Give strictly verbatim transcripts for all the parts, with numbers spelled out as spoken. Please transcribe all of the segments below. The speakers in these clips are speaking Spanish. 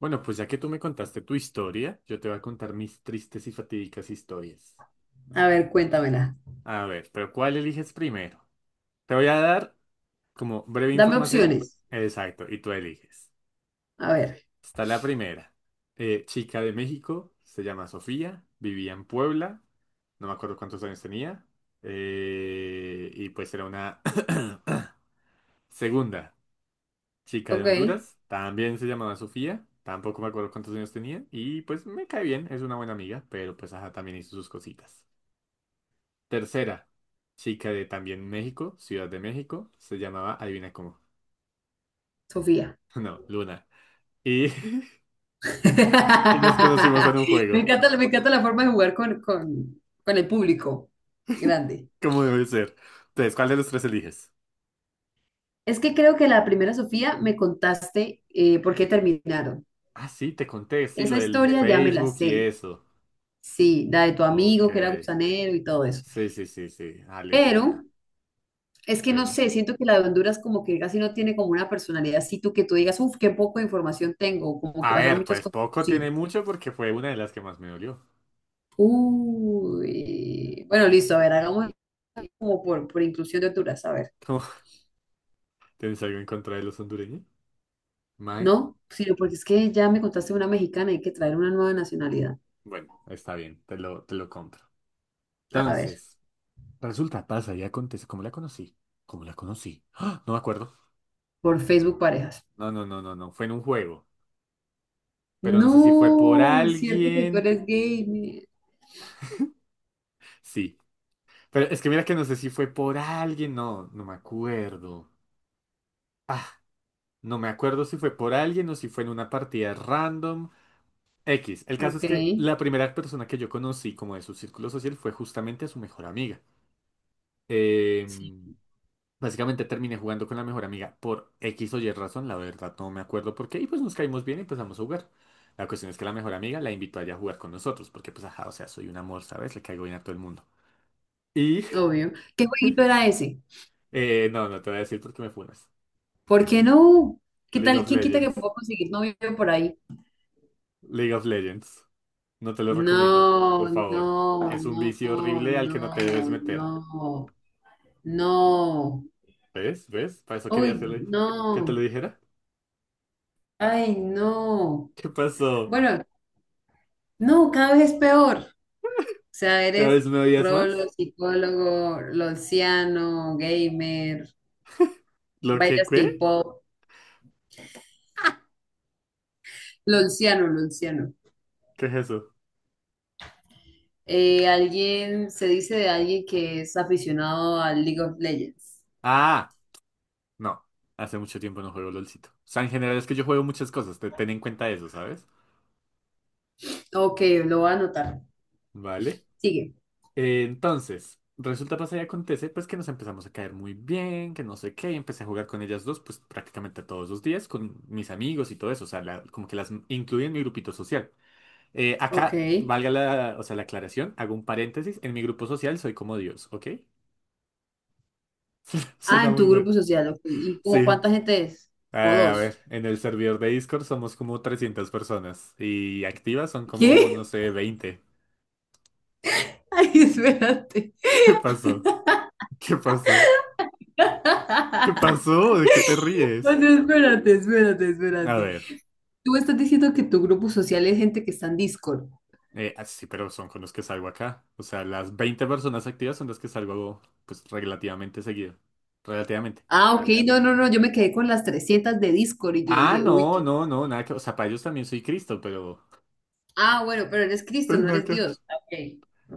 Bueno, pues ya que tú me contaste tu historia, yo te voy a contar mis tristes y fatídicas historias. A ver, cuéntamela. A ver, pero ¿cuál eliges primero? Te voy a dar como breve Dame información. opciones. Exacto, y tú eliges. A ver, Está la primera. Eh, chica de México, se llama Sofía, vivía en Puebla, no me acuerdo cuántos años tenía, eh, y pues era una... Segunda. Chica de ok, Honduras, también se llamaba Sofía, tampoco me acuerdo cuántos años tenía, y pues me cae bien, es una buena amiga, pero pues ajá, también hizo sus cositas. Tercera, chica de también México, Ciudad de México, se llamaba, adivina cómo, Sofía. no, Luna. Y, y nos conocimos en un Me juego, encanta, la- me encanta la forma de jugar con, con, con el público grande. como debe ser. Entonces, ¿cuál de los tres eliges? Es que creo que la primera, Sofía, me contaste eh, por qué terminaron. Ah, sí, te conté, sí, lo Esa del historia ya me la Facebook y sé. eso. Sí, la de tu Ok, amigo que era gusanero y todo eso. sí, sí, sí, sí, ah, listo Pero ya, es que no pero... sé, siento que la de Honduras como que casi no tiene como una personalidad así tú que tú digas, uff, qué poco de información tengo, como que A pasaron ver, muchas pues cosas. poco tiene Sí. mucho porque fue una de las que más me dolió. Uy, bueno, listo, a ver, hagamos como por, por inclusión de alturas, a ver. ¿Tienes algo en contra de los hondureños? Mae, No, sino porque es que ya me contaste una mexicana, hay que traer una nueva nacionalidad. bueno, está bien, te lo, te lo compro. A ver, Entonces, resulta, pasa y acontece. ¿Cómo la conocí? ¿Cómo la conocí? ¡Ah! No me acuerdo. por Facebook parejas. No, no, no, no, no. Fue en un juego. Pero no sé si fue por No, es cierto que tú alguien. eres gay. mi- Sí. Pero es que mira que no sé si fue por alguien. No, no me acuerdo. Ah, no me acuerdo si fue por alguien o si fue en una partida random. X. El caso Ok, es que la primera persona que yo conocí como de su círculo social fue justamente a su mejor amiga. Eh. sí, Básicamente terminé jugando con la mejor amiga por X o Y razón, la verdad no me acuerdo por qué, y pues nos caímos bien y empezamos a jugar. La cuestión es que la mejor amiga la invitó a ella a jugar con nosotros, porque pues ajá, o sea, soy un amor, ¿sabes? Le caigo bien a todo el mundo. Y, obvio. ¿Qué jueguito era ese? eh, no, no te voy a decir por qué me funas. ¿Por qué no? ¿Qué League tal? of ¿Quién quita que Legends. puedo conseguir novio por ahí? League of Legends. No te lo recomiendo, No, por no, favor. Es un no, vicio horrible al que no no, te debes meter. no, no. ¿Ves? ¿Ves? Para eso quería Uy, hacerle que te lo no. dijera. Ay, no. ¿Qué pasó? Bueno, no, cada vez es peor. O sea, ¿Cada eres vez me odias rolo, más? psicólogo, lolciano, gamer, ¿Lo que bailas qué? K-pop, lolciano, lolciano. ¿Qué es eso? Eh, alguien, se dice de alguien que es aficionado al League of Legends. Ah. No, hace mucho tiempo no juego LOLcito. O sea, en general es que yo juego muchas cosas, te- ten en cuenta eso, ¿sabes? Ok, lo voy a anotar. Vale. Sigue. Eh, Entonces, resulta, pasa y acontece, pues que nos empezamos a caer muy bien, que no sé qué, y empecé a jugar con ellas dos, pues prácticamente todos los días, con mis amigos y todo eso, o sea, la- como que las incluí en mi grupito social. Eh, Ok. acá, valga la, o sea, la aclaración, hago un paréntesis, en mi grupo social soy como Dios, ¿ok? Ah, Suena en muy tu mal. grupo social, ok. ¿Y Sí, como cuánta gente es? ¿O Eh, a dos? ver, en el servidor de Discord somos como trescientas personas y activas son como, no ¿Qué? sé, veinte. Ay, espérate. ¿Qué pasó? ¿Qué pasó? ¿Qué pasó? ¿De qué te No, ríes? no, espérate, espérate, A espérate. ver, Tú estás diciendo que tu grupo social es gente que está en Discord. eh, ah, sí, pero son con los que salgo acá. O sea, las veinte personas activas son las que salgo, pues, relativamente seguido. Relativamente. Ah, ok, no, no, no, yo me quedé con las trescientas de Discord y yo Ah, dije, uy, no, qué. no, no, nada que... O sea, para ellos también soy Cristo, pero... Ah, bueno, pero eres Cristo, Pues no nada eres que ver. Dios. Ah, ok,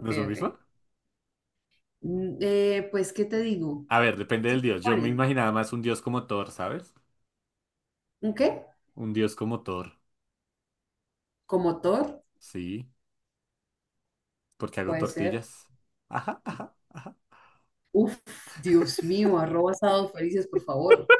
¿No es lo ok. mismo? Mm, eh, pues, ¿qué te digo? A ver, depende Se del dios. Yo me supone, imaginaba más un dios como Thor, ¿sabes? ¿un qué? Un dios como Thor. ¿Como Thor? Sí. Porque hago Puede ser. tortillas. Ajá, ajá, ajá. Uf, Dios mío, arroba sábados felices, por favor.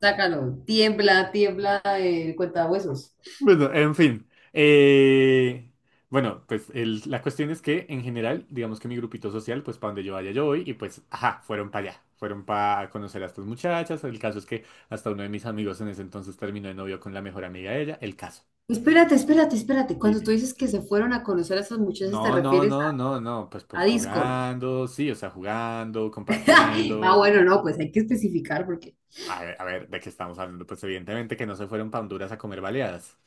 Sácalo, tiembla, tiembla, eh, cuenta huesos. Bueno, en fin. Eh, bueno, pues el- la cuestión es que en general, digamos que mi grupito social, pues para donde yo vaya yo voy y pues, ajá, fueron para allá. Fueron para conocer a estas muchachas. El caso es que hasta uno de mis amigos en ese entonces terminó de novio con la mejor amiga de ella. El caso. Espérate, espérate, espérate. Cuando tú Dime. dices que se fueron a conocer a esas muchachas, ¿te No, no, refieres no, no, no. Pues, a, a pues Discord? jugando, sí, o sea, jugando, Ah, compartiendo. bueno, no, pues hay que especificar porque A ver, a ver, ¿de qué estamos hablando? Pues evidentemente que no se fueron para Honduras a comer baleadas.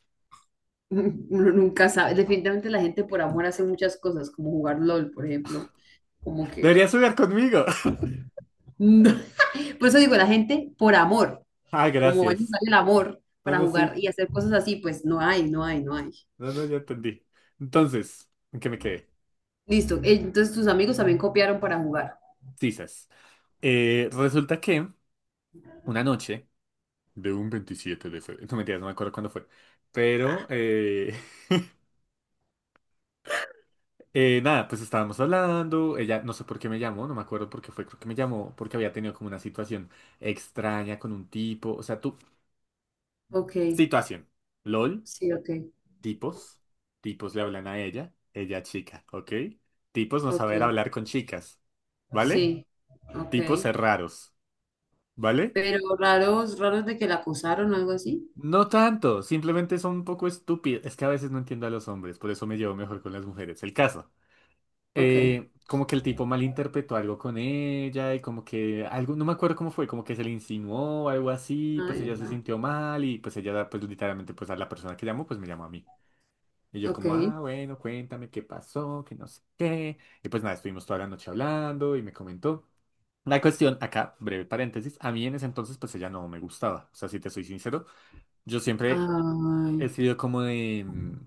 uno nunca sabe. Definitivamente la gente por amor hace muchas cosas, como jugar LOL, por ejemplo, como que... Deberías jugar conmigo. Por eso digo, la gente por amor, Ah, como a ellos gracias. sale el amor No, para no, jugar sí. y hacer cosas así, pues no hay, no hay, no hay. No, no, ya entendí. Entonces, ¿en qué me quedé? Listo, eh, entonces tus amigos también copiaron para jugar. Sisas. Eh, resulta que una noche de un veintisiete de febrero, no mentiras, no me acuerdo cuándo fue, pero eh, eh, nada, pues estábamos hablando, ella no sé por qué me llamó, no me acuerdo por qué fue, creo que me llamó porque había tenido como una situación extraña con un tipo, o sea, tú, Ok, situación, LOL, sí, ok, tipos, tipos le hablan a ella, ella chica, ¿ok? Tipos no ok, saber hablar con chicas, ¿vale? sí, ok. Tipos raros, ¿vale? Pero raros, raros de que la acosaron o algo así. No tanto, simplemente son un poco estúpidos. Es que a veces no entiendo a los hombres, por eso me llevo mejor con las mujeres. El caso. Ok, eh, como que el tipo malinterpretó algo con ella y como que algo, no me acuerdo cómo fue, como que se le insinuó algo así, pues ay, ella se no, sintió mal y pues ella, pues literalmente, pues a la persona que llamó, pues me llamó a mí. Y yo ok, como, ah, bueno, cuéntame qué pasó, que no sé qué. Y pues nada, estuvimos toda la noche hablando y me comentó. La cuestión, acá, breve paréntesis, a mí en ese entonces pues ella no me gustaba. O sea, si te soy sincero, yo siempre ay, he sido como de, mm,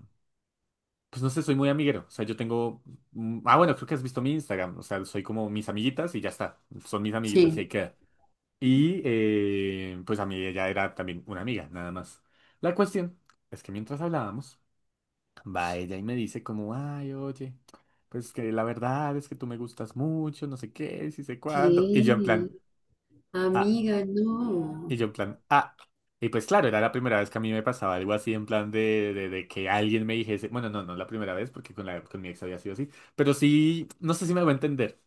pues no sé, soy muy amiguero. O sea, yo tengo, mm, ah bueno, creo que has visto mi Instagram. O sea, soy como mis amiguitas y ya está. Son mis amiguitas y ahí sí. queda. Y eh, pues a mí ella era también una amiga, nada más. La cuestión es que mientras hablábamos, va ella y me dice como, ay, oye, pues que la verdad es que tú me gustas mucho, no sé qué, si sé cuándo. Y yo en ¿Qué? plan... ah, Amiga, no. O Y yo en plan, ah. Y pues claro, era la primera vez que a mí me pasaba algo así en plan de, de, de que alguien me dijese, bueno, no, no la primera vez porque con, la, con mi ex había sido así, pero sí, no sé si me voy a entender.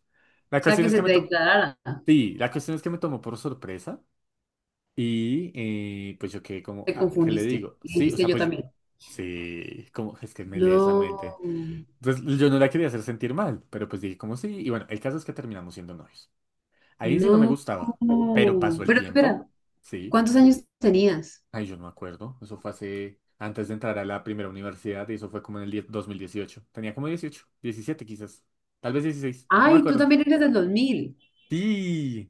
La sea, cuestión que es se que me te tomó, declarara. sí, la cuestión es que me tomó por sorpresa y eh, pues yo quedé como, Te ah, ¿qué le confundiste. digo? Y Sí, o dijiste sea, yo pues yo, también. sí, como, es que me lees la mente. No, Entonces yo no la quería hacer sentir mal, pero pues dije como sí, y bueno, el caso es que terminamos siendo novios. Al inicio no me no. gustaba, pero pasó el Pero tiempo, espera, sí. ¿cuántos años tenías? Ay, yo no me acuerdo. Eso fue hace, antes de entrar a la primera universidad y eso fue como en el die- dos mil dieciocho. Tenía como dieciocho, diecisiete, quizás. Tal vez dieciséis. No me Ay, tú acuerdo. también eres del dos mil, Sí.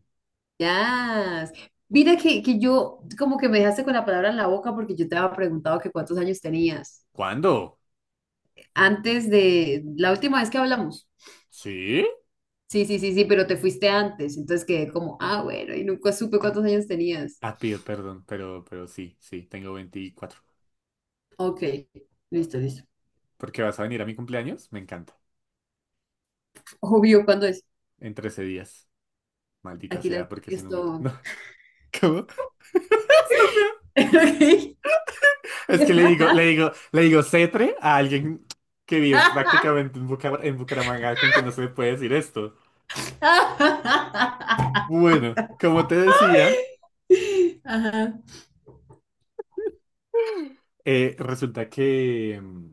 ya. Mira que, que yo, como que me dejaste con la palabra en la boca porque yo te había preguntado que cuántos años tenías. ¿Cuándo? Antes de la última vez que hablamos. ¿Sí? Sí, sí, sí, sí, pero te fuiste antes. Entonces quedé como, ah, bueno, y nunca supe cuántos años tenías. Ah, pido perdón, pero, pero sí, sí, tengo veinticuatro. Ok, listo, listo. ¿Por qué vas a venir a mi cumpleaños? Me encanta. Obvio, ¿cuándo es? En trece días. Maldita Aquí sea, la, porque ese número. No. esto. ¿Cómo? Estúpido. Ok. Es que le digo, le digo, le digo cetre a alguien que vive prácticamente en Bucar- en Bucaramanga con quien no se le puede decir esto. Bueno, como te decía, Ajá, eh, resulta que, mm,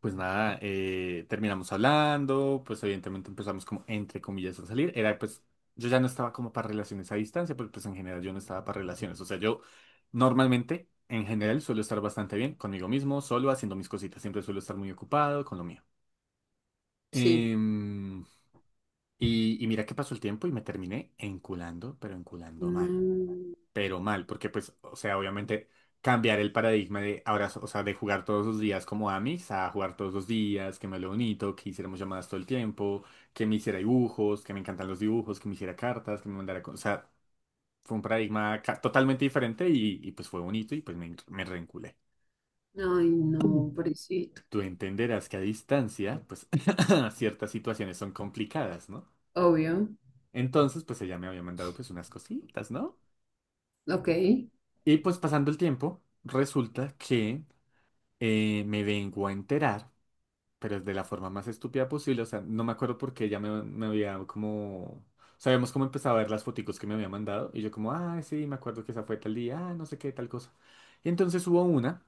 pues nada, eh, terminamos hablando, pues evidentemente empezamos como entre comillas a salir. Era pues, yo ya no estaba como para relaciones a distancia, porque pues en general yo no estaba para relaciones. O sea, yo normalmente, en general, suelo estar bastante bien conmigo mismo, solo haciendo mis cositas. Siempre suelo estar muy ocupado con lo mío. sí. Em, y, y mira que pasó el tiempo y me terminé enculando, pero enculando No, mal. Pero mal, porque pues, o sea, obviamente cambiar el paradigma de ahora, o sea, de jugar todos los días como Amis a jugar todos los días, que me lo bonito, que hiciéramos llamadas todo el tiempo, que me hiciera dibujos, que me encantan los dibujos, que me hiciera cartas, que me mandara, co- o sea, fue un paradigma ca- totalmente diferente y, y, pues fue bonito y pues me, me reenculé. ay, no, pobrecito. Tú entenderás que a distancia, pues ciertas situaciones son complicadas, ¿no? Obvio. Entonces, pues ella me había mandado pues unas cositas, ¿no? Ok, Y pues pasando el tiempo, resulta que eh, me vengo a enterar, pero es de la forma más estúpida posible. O sea, no me acuerdo por qué ella me, me había como... Sabemos cómo empezaba a ver las foticos que me había mandado. Y yo como, ah, sí, me acuerdo que esa fue tal día, ah, no sé qué, tal cosa. Y entonces hubo una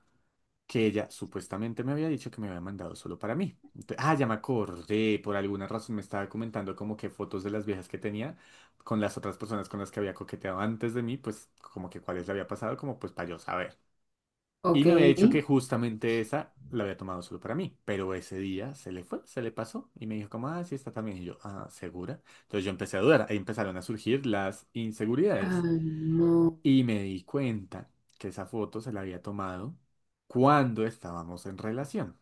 que ella supuestamente me había dicho que me había mandado solo para mí. Ent- ah, ya me acordé. Por alguna razón me estaba comentando como que fotos de las viejas que tenía con las otras personas con las que había coqueteado antes de mí, pues como que cuáles le había pasado, como pues para yo saber. Y ok. me había dicho que Ay, justamente esa la había tomado solo para mí, pero ese día se le fue, se le pasó y me dijo como, ah, sí, está también. Y yo, ah, ¿segura? Entonces yo empecé a dudar, ahí empezaron a surgir las inseguridades. no. Y me di cuenta que esa foto se la había tomado cuando estábamos en relación.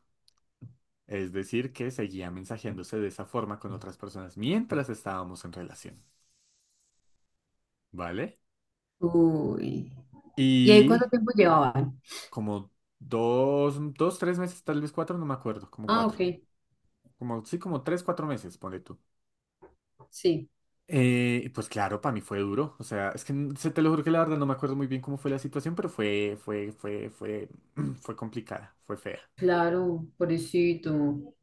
Es decir, que seguía mensajeándose de esa forma con otras personas mientras estábamos en relación, ¿vale? Uy. ¿Y ahí cuánto Y tiempo llevaban? como dos, dos, tres meses, tal vez cuatro, no me acuerdo, como Ah, cuatro. ok, Como, sí, como tres, cuatro meses, ponle tú. sí. Eh, pues claro, para mí fue duro. O sea, es que n- se te lo juro que la verdad no me acuerdo muy bien cómo fue la situación, pero fue, fue, fue, fue, fue complicada, fue fea. Claro, pobrecito.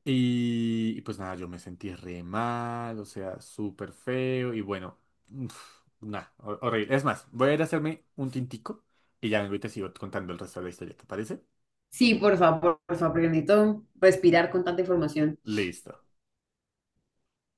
Y, y pues nada, yo me sentí re mal, o sea, súper feo y bueno, uf, nada, hor- horrible. Es más, voy a ir a hacerme un tintico y ya vengo y te sigo contando el resto de la historia, ¿te parece? Sí, por favor, por favor, porque necesito respirar con tanta información. Listo.